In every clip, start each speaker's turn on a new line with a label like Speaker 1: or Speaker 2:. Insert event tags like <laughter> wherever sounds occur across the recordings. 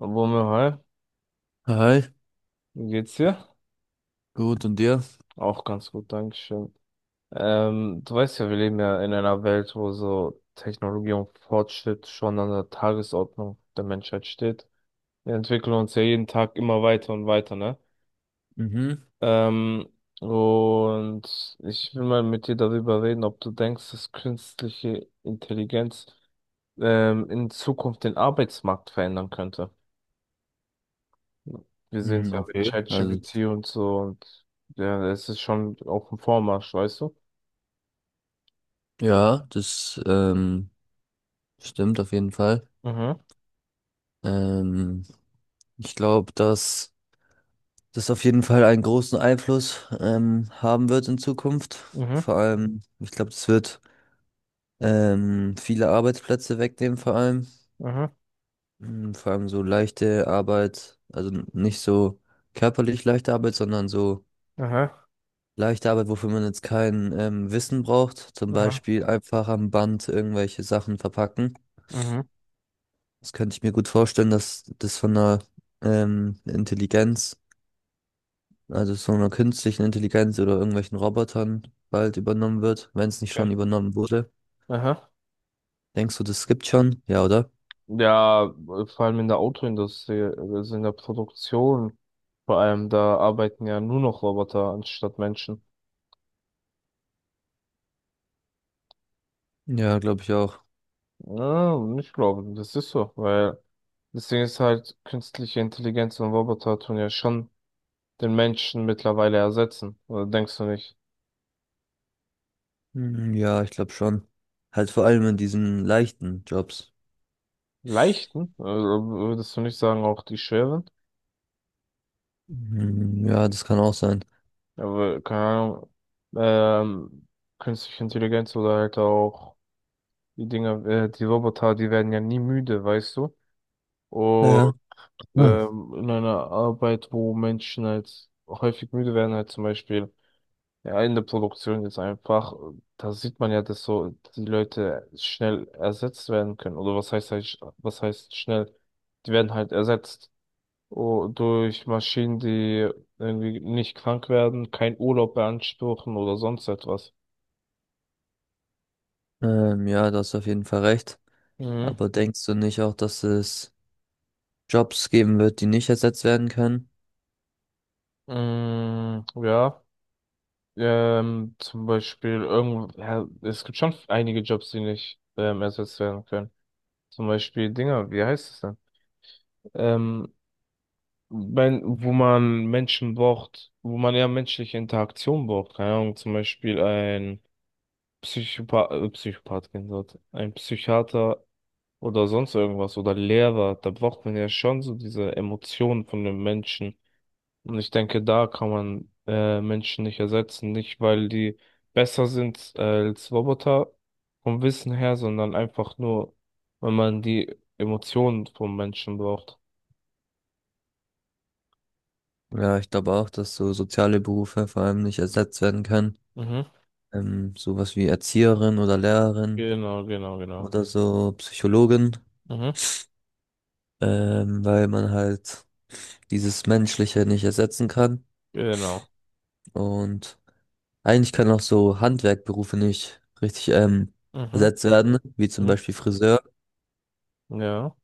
Speaker 1: Womir, hi,
Speaker 2: Hi,
Speaker 1: wie geht's dir?
Speaker 2: gut und dir?
Speaker 1: Auch ganz gut, Dankeschön. Du weißt ja, wir leben ja in einer Welt, wo so Technologie und Fortschritt schon an der Tagesordnung der Menschheit steht. Wir entwickeln uns ja jeden Tag immer weiter, ne?
Speaker 2: Mhm.
Speaker 1: Ähm, und ich will mal mit dir darüber reden, ob du denkst, dass künstliche Intelligenz in Zukunft den Arbeitsmarkt verändern könnte. Wir sehen es
Speaker 2: Hm,
Speaker 1: ja mit
Speaker 2: okay.
Speaker 1: ChatGPT und so, und ja, es ist schon auf dem Vormarsch, weißt du?
Speaker 2: Ja, das stimmt auf jeden Fall.
Speaker 1: Mhm,
Speaker 2: Ähm, Ich glaube, dass das auf jeden Fall einen großen Einfluss haben wird in Zukunft.
Speaker 1: mhm,
Speaker 2: Vor allem, ich glaube, das wird viele Arbeitsplätze wegnehmen, vor allem.
Speaker 1: mhm,
Speaker 2: Vor allem so leichte Arbeit, also nicht so körperlich leichte Arbeit, sondern so
Speaker 1: mhm,
Speaker 2: leichte Arbeit, wofür man jetzt kein Wissen braucht. Zum
Speaker 1: mhm,
Speaker 2: Beispiel einfach am Band irgendwelche Sachen verpacken.
Speaker 1: mhm,
Speaker 2: Das könnte ich mir gut vorstellen, dass das von einer Intelligenz, also so einer künstlichen Intelligenz oder irgendwelchen Robotern bald übernommen wird, wenn es nicht
Speaker 1: okay.
Speaker 2: schon übernommen wurde.
Speaker 1: Aha.
Speaker 2: Denkst du, das gibt schon? Ja, oder?
Speaker 1: Ja, vor allem in der Autoindustrie, also in der Produktion, vor allem da arbeiten ja nur noch Roboter anstatt Menschen.
Speaker 2: Ja, glaube ich auch.
Speaker 1: Ja, ich glaube, das ist so, weil das Ding ist halt, künstliche Intelligenz und Roboter tun ja schon den Menschen mittlerweile ersetzen, oder denkst du nicht?
Speaker 2: Mhm, ja, ich glaube schon. Halt vor allem in diesen leichten Jobs.
Speaker 1: Leichten, also würdest du nicht sagen, auch die schweren,
Speaker 2: Mhm, ja, das kann auch sein.
Speaker 1: aber keine Ahnung, ähm, künstliche Intelligenz oder halt auch die Dinger die Roboter, die werden ja nie müde, weißt du? Und
Speaker 2: Ja. Ah.
Speaker 1: in einer Arbeit, wo Menschen halt häufig müde werden, halt zum Beispiel ja, in der Produktion jetzt einfach, da sieht man ja, dass so die Leute schnell ersetzt werden können. Oder was heißt halt, was heißt schnell? Die werden halt ersetzt. Oh, durch Maschinen, die irgendwie nicht krank werden, keinen Urlaub beanspruchen oder sonst etwas.
Speaker 2: Ja, da hast du auf jeden Fall recht.
Speaker 1: Mhm.
Speaker 2: Aber denkst du nicht auch, dass es Jobs geben wird, die nicht ersetzt werden können?
Speaker 1: Mm, ja, zum Beispiel irgend, ja, es gibt schon einige Jobs, die nicht ersetzt werden können. Zum Beispiel Dinger, wie heißt es denn? Ähm, wenn, wo man Menschen braucht, wo man ja menschliche Interaktion braucht. Keine Ahnung, zum Beispiel ein Psychopath, Psychopath, kein Wort, ein Psychiater oder sonst irgendwas oder Lehrer. Da braucht man ja schon so diese Emotionen von den Menschen. Und ich denke, da kann man Menschen nicht ersetzen. Nicht, weil die besser sind als Roboter vom Wissen her, sondern einfach nur, wenn man die Emotionen vom Menschen braucht.
Speaker 2: Ja, ich glaube auch, dass so soziale Berufe vor allem nicht ersetzt werden können.
Speaker 1: Mhm.
Speaker 2: Sowas wie Erzieherin oder Lehrerin
Speaker 1: Genau, genau, genau.
Speaker 2: oder so Psychologin,
Speaker 1: Mhm.
Speaker 2: weil man halt dieses Menschliche nicht ersetzen kann.
Speaker 1: Genau.
Speaker 2: Und eigentlich können auch so Handwerkberufe nicht richtig
Speaker 1: Mhm.
Speaker 2: ersetzt werden, wie zum
Speaker 1: Mhm.
Speaker 2: Beispiel Friseur.
Speaker 1: Ja.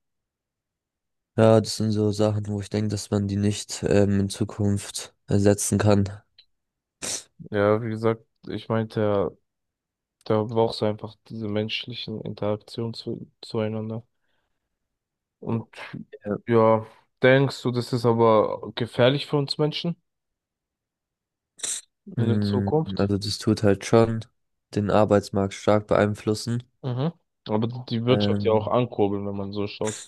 Speaker 2: Ja, das sind so Sachen, wo ich denke, dass man die nicht in Zukunft ersetzen kann.
Speaker 1: Ja, wie gesagt, ich meinte ja, da brauchst du einfach diese menschlichen Interaktionen zueinander. Und ja, denkst du, das ist aber gefährlich für uns Menschen in der
Speaker 2: Mm,
Speaker 1: Zukunft?
Speaker 2: Also das tut halt schon den Arbeitsmarkt stark beeinflussen.
Speaker 1: Mhm. Aber die Wirtschaft ja auch
Speaker 2: Ähm,
Speaker 1: ankurbeln, wenn man so schaut.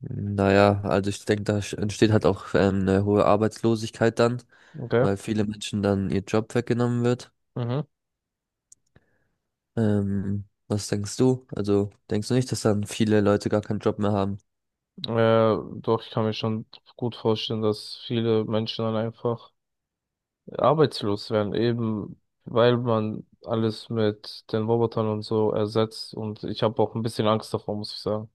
Speaker 2: naja, also ich denke, da entsteht halt auch eine hohe Arbeitslosigkeit dann,
Speaker 1: Okay.
Speaker 2: weil viele Menschen dann ihr Job weggenommen wird.
Speaker 1: Mhm.
Speaker 2: Was denkst du? Also denkst du nicht, dass dann viele Leute gar keinen Job mehr haben?
Speaker 1: Äh, doch, ich kann mir schon gut vorstellen, dass viele Menschen dann einfach arbeitslos werden, eben weil man alles mit den Robotern und so ersetzt. Und ich habe auch ein bisschen Angst davor, muss ich sagen.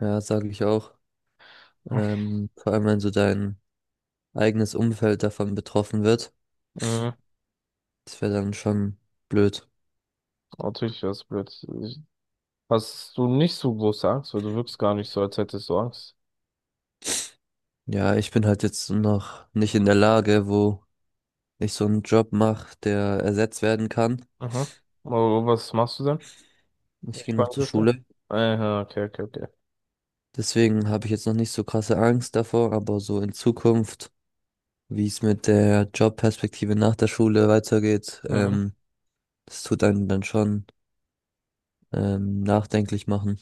Speaker 2: Ja, sage ich auch. Vor allem, wenn so dein eigenes Umfeld davon betroffen wird,
Speaker 1: Mhm.
Speaker 2: das wäre dann schon blöd.
Speaker 1: Natürlich wäre es blöd. Ich- Hast du nicht so große Angst, weil du wirkst gar nicht so, als hättest du Angst.
Speaker 2: Ja, ich bin halt jetzt noch nicht in der Lage, wo ich so einen Job mache, der ersetzt werden kann.
Speaker 1: Mhm. Oh, was machst du denn? Wenn
Speaker 2: Ich
Speaker 1: ich
Speaker 2: gehe noch
Speaker 1: fragen
Speaker 2: zur
Speaker 1: dürfte.
Speaker 2: Schule.
Speaker 1: Aha, okay, okay, okay.
Speaker 2: Deswegen habe ich jetzt noch nicht so krasse Angst davor, aber so in Zukunft, wie es mit der Jobperspektive nach der Schule weitergeht,
Speaker 1: Mhm.
Speaker 2: das tut einen dann schon nachdenklich machen.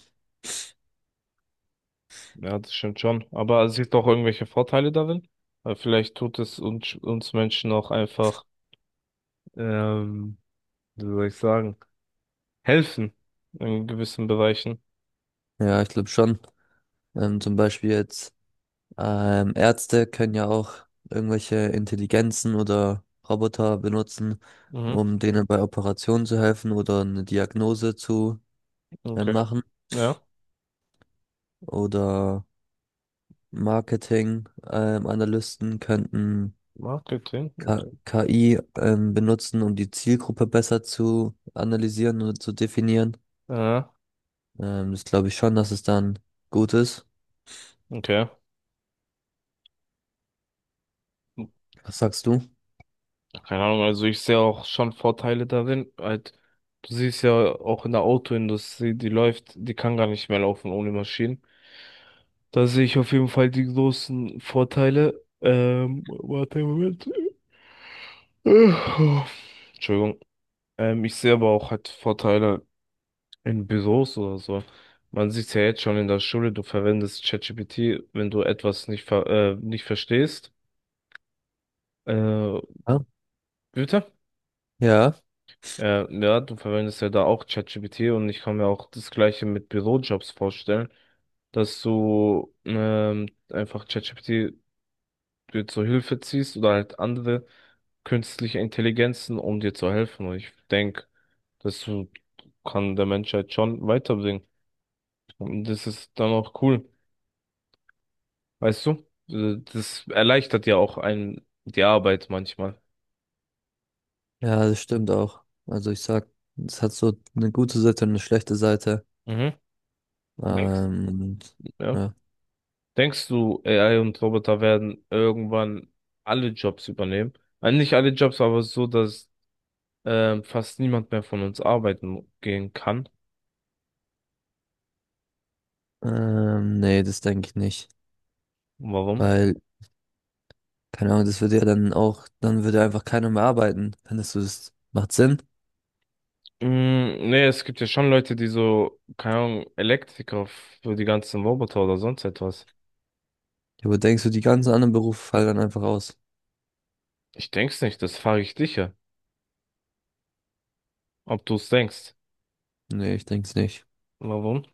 Speaker 1: Ja, das stimmt schon. Aber es gibt auch irgendwelche Vorteile darin. Weil vielleicht tut es uns Menschen auch einfach, ähm, wie soll ich sagen, helfen in gewissen Bereichen.
Speaker 2: Ja, ich glaube schon. Zum Beispiel jetzt Ärzte können ja auch irgendwelche Intelligenzen oder Roboter benutzen,
Speaker 1: Mhm.
Speaker 2: um denen bei Operationen zu helfen oder eine Diagnose zu
Speaker 1: Okay.
Speaker 2: machen
Speaker 1: Ja.
Speaker 2: oder Marketing, Analysten könnten
Speaker 1: Marketing. Okay.
Speaker 2: K KI benutzen, um die Zielgruppe besser zu analysieren und zu definieren.
Speaker 1: Ja.
Speaker 2: Das glaube ich schon, dass es dann gut ist.
Speaker 1: Okay.
Speaker 2: Was sagst du?
Speaker 1: Keine Ahnung, also ich sehe auch schon Vorteile darin. Halt, du siehst ja auch in der Autoindustrie, die läuft, die kann gar nicht mehr laufen ohne Maschinen. Da sehe ich auf jeden Fall die großen Vorteile. Warte, Moment. Äh, Entschuldigung. Ich sehe aber auch halt Vorteile in Büros oder so. Man sieht es ja jetzt schon in der Schule, du verwendest ChatGPT, wenn du etwas nicht, ver nicht verstehst. Äh,
Speaker 2: Ja,
Speaker 1: bitte?
Speaker 2: ja,
Speaker 1: Ja, du verwendest ja da auch ChatGPT, und ich kann mir auch das Gleiche mit Bürojobs vorstellen, dass du einfach ChatGPT dir zur Hilfe ziehst oder halt andere künstliche Intelligenzen, um dir zu helfen. Und ich denke, das so kann der Menschheit schon weiterbringen. Und das ist dann auch cool. Weißt du? Das erleichtert ja auch einen die Arbeit manchmal.
Speaker 2: ja, das stimmt auch. Also ich sag, es hat so eine gute Seite und eine schlechte Seite.
Speaker 1: Mhm. Denkst,
Speaker 2: Ähm, und,
Speaker 1: ja.
Speaker 2: ja.
Speaker 1: Denkst du, AI und Roboter werden irgendwann alle Jobs übernehmen? Nicht alle Jobs, aber so, dass fast niemand mehr von uns arbeiten gehen kann.
Speaker 2: Nee, das denke ich nicht.
Speaker 1: Warum?
Speaker 2: Weil, keine Ahnung, das würde ja dann auch, dann würde einfach keiner mehr arbeiten. Findest du, das macht Sinn?
Speaker 1: Mm, nee, es gibt ja schon Leute, die so, keine Ahnung, Elektriker für die ganzen Roboter oder sonst etwas.
Speaker 2: Ja, aber denkst du, die ganzen anderen Berufe fallen dann einfach aus?
Speaker 1: Ich denk's nicht, das frage ich dich ja, ob du's denkst.
Speaker 2: Nee, ich denk's nicht.
Speaker 1: Warum?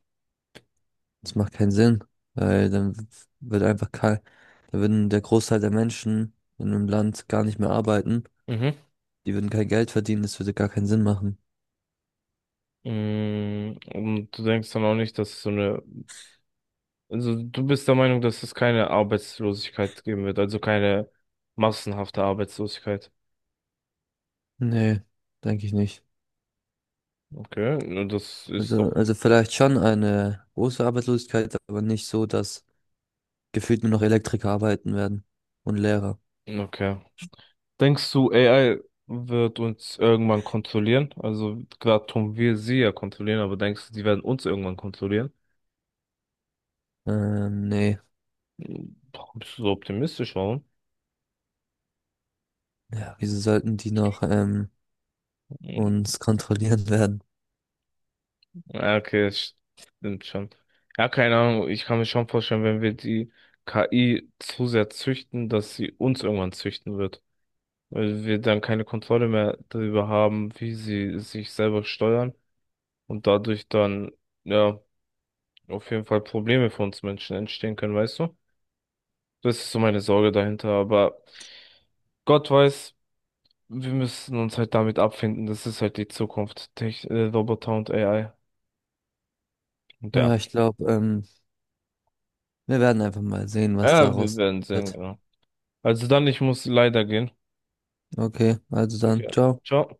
Speaker 2: Das macht keinen Sinn, weil dann wird einfach kein, da würden der Großteil der Menschen in einem Land gar nicht mehr arbeiten.
Speaker 1: Mhm.
Speaker 2: Die würden kein Geld verdienen, das würde gar keinen Sinn machen.
Speaker 1: Mm, und du denkst dann auch nicht, dass es so eine, also du bist der Meinung, dass es keine Arbeitslosigkeit geben wird, also keine massenhafte Arbeitslosigkeit.
Speaker 2: Nee, denke ich nicht.
Speaker 1: Okay, na, das ist doch,
Speaker 2: Also vielleicht schon eine große Arbeitslosigkeit, aber nicht so, dass gefühlt nur noch Elektriker arbeiten werden und Lehrer.
Speaker 1: okay. Denkst du, AI wird uns irgendwann kontrollieren? Also gerade tun wir sie ja kontrollieren, aber denkst du, die werden uns irgendwann kontrollieren?
Speaker 2: Nee,
Speaker 1: Warum bist du so optimistisch, warum?
Speaker 2: ja, wieso sollten die noch uns kontrollieren <laughs> werden?
Speaker 1: Ja, okay, das stimmt schon. Ja, keine Ahnung, ich kann mir schon vorstellen, wenn wir die KI zu sehr züchten, dass sie uns irgendwann züchten wird. Weil wir dann keine Kontrolle mehr darüber haben, wie sie sich selber steuern und dadurch dann, ja, auf jeden Fall Probleme für uns Menschen entstehen können, weißt du? Das ist so meine Sorge dahinter, aber Gott weiß, wir müssen uns halt damit abfinden. Das ist halt die Zukunft. Tech Roboter und AI. Und ja.
Speaker 2: Ja, ich glaube, wir werden einfach mal sehen, was
Speaker 1: Ja, wir
Speaker 2: daraus
Speaker 1: werden sehen,
Speaker 2: wird.
Speaker 1: genau. Also dann, ich muss leider gehen.
Speaker 2: Okay, also
Speaker 1: Okay.
Speaker 2: dann, ciao.
Speaker 1: Ciao.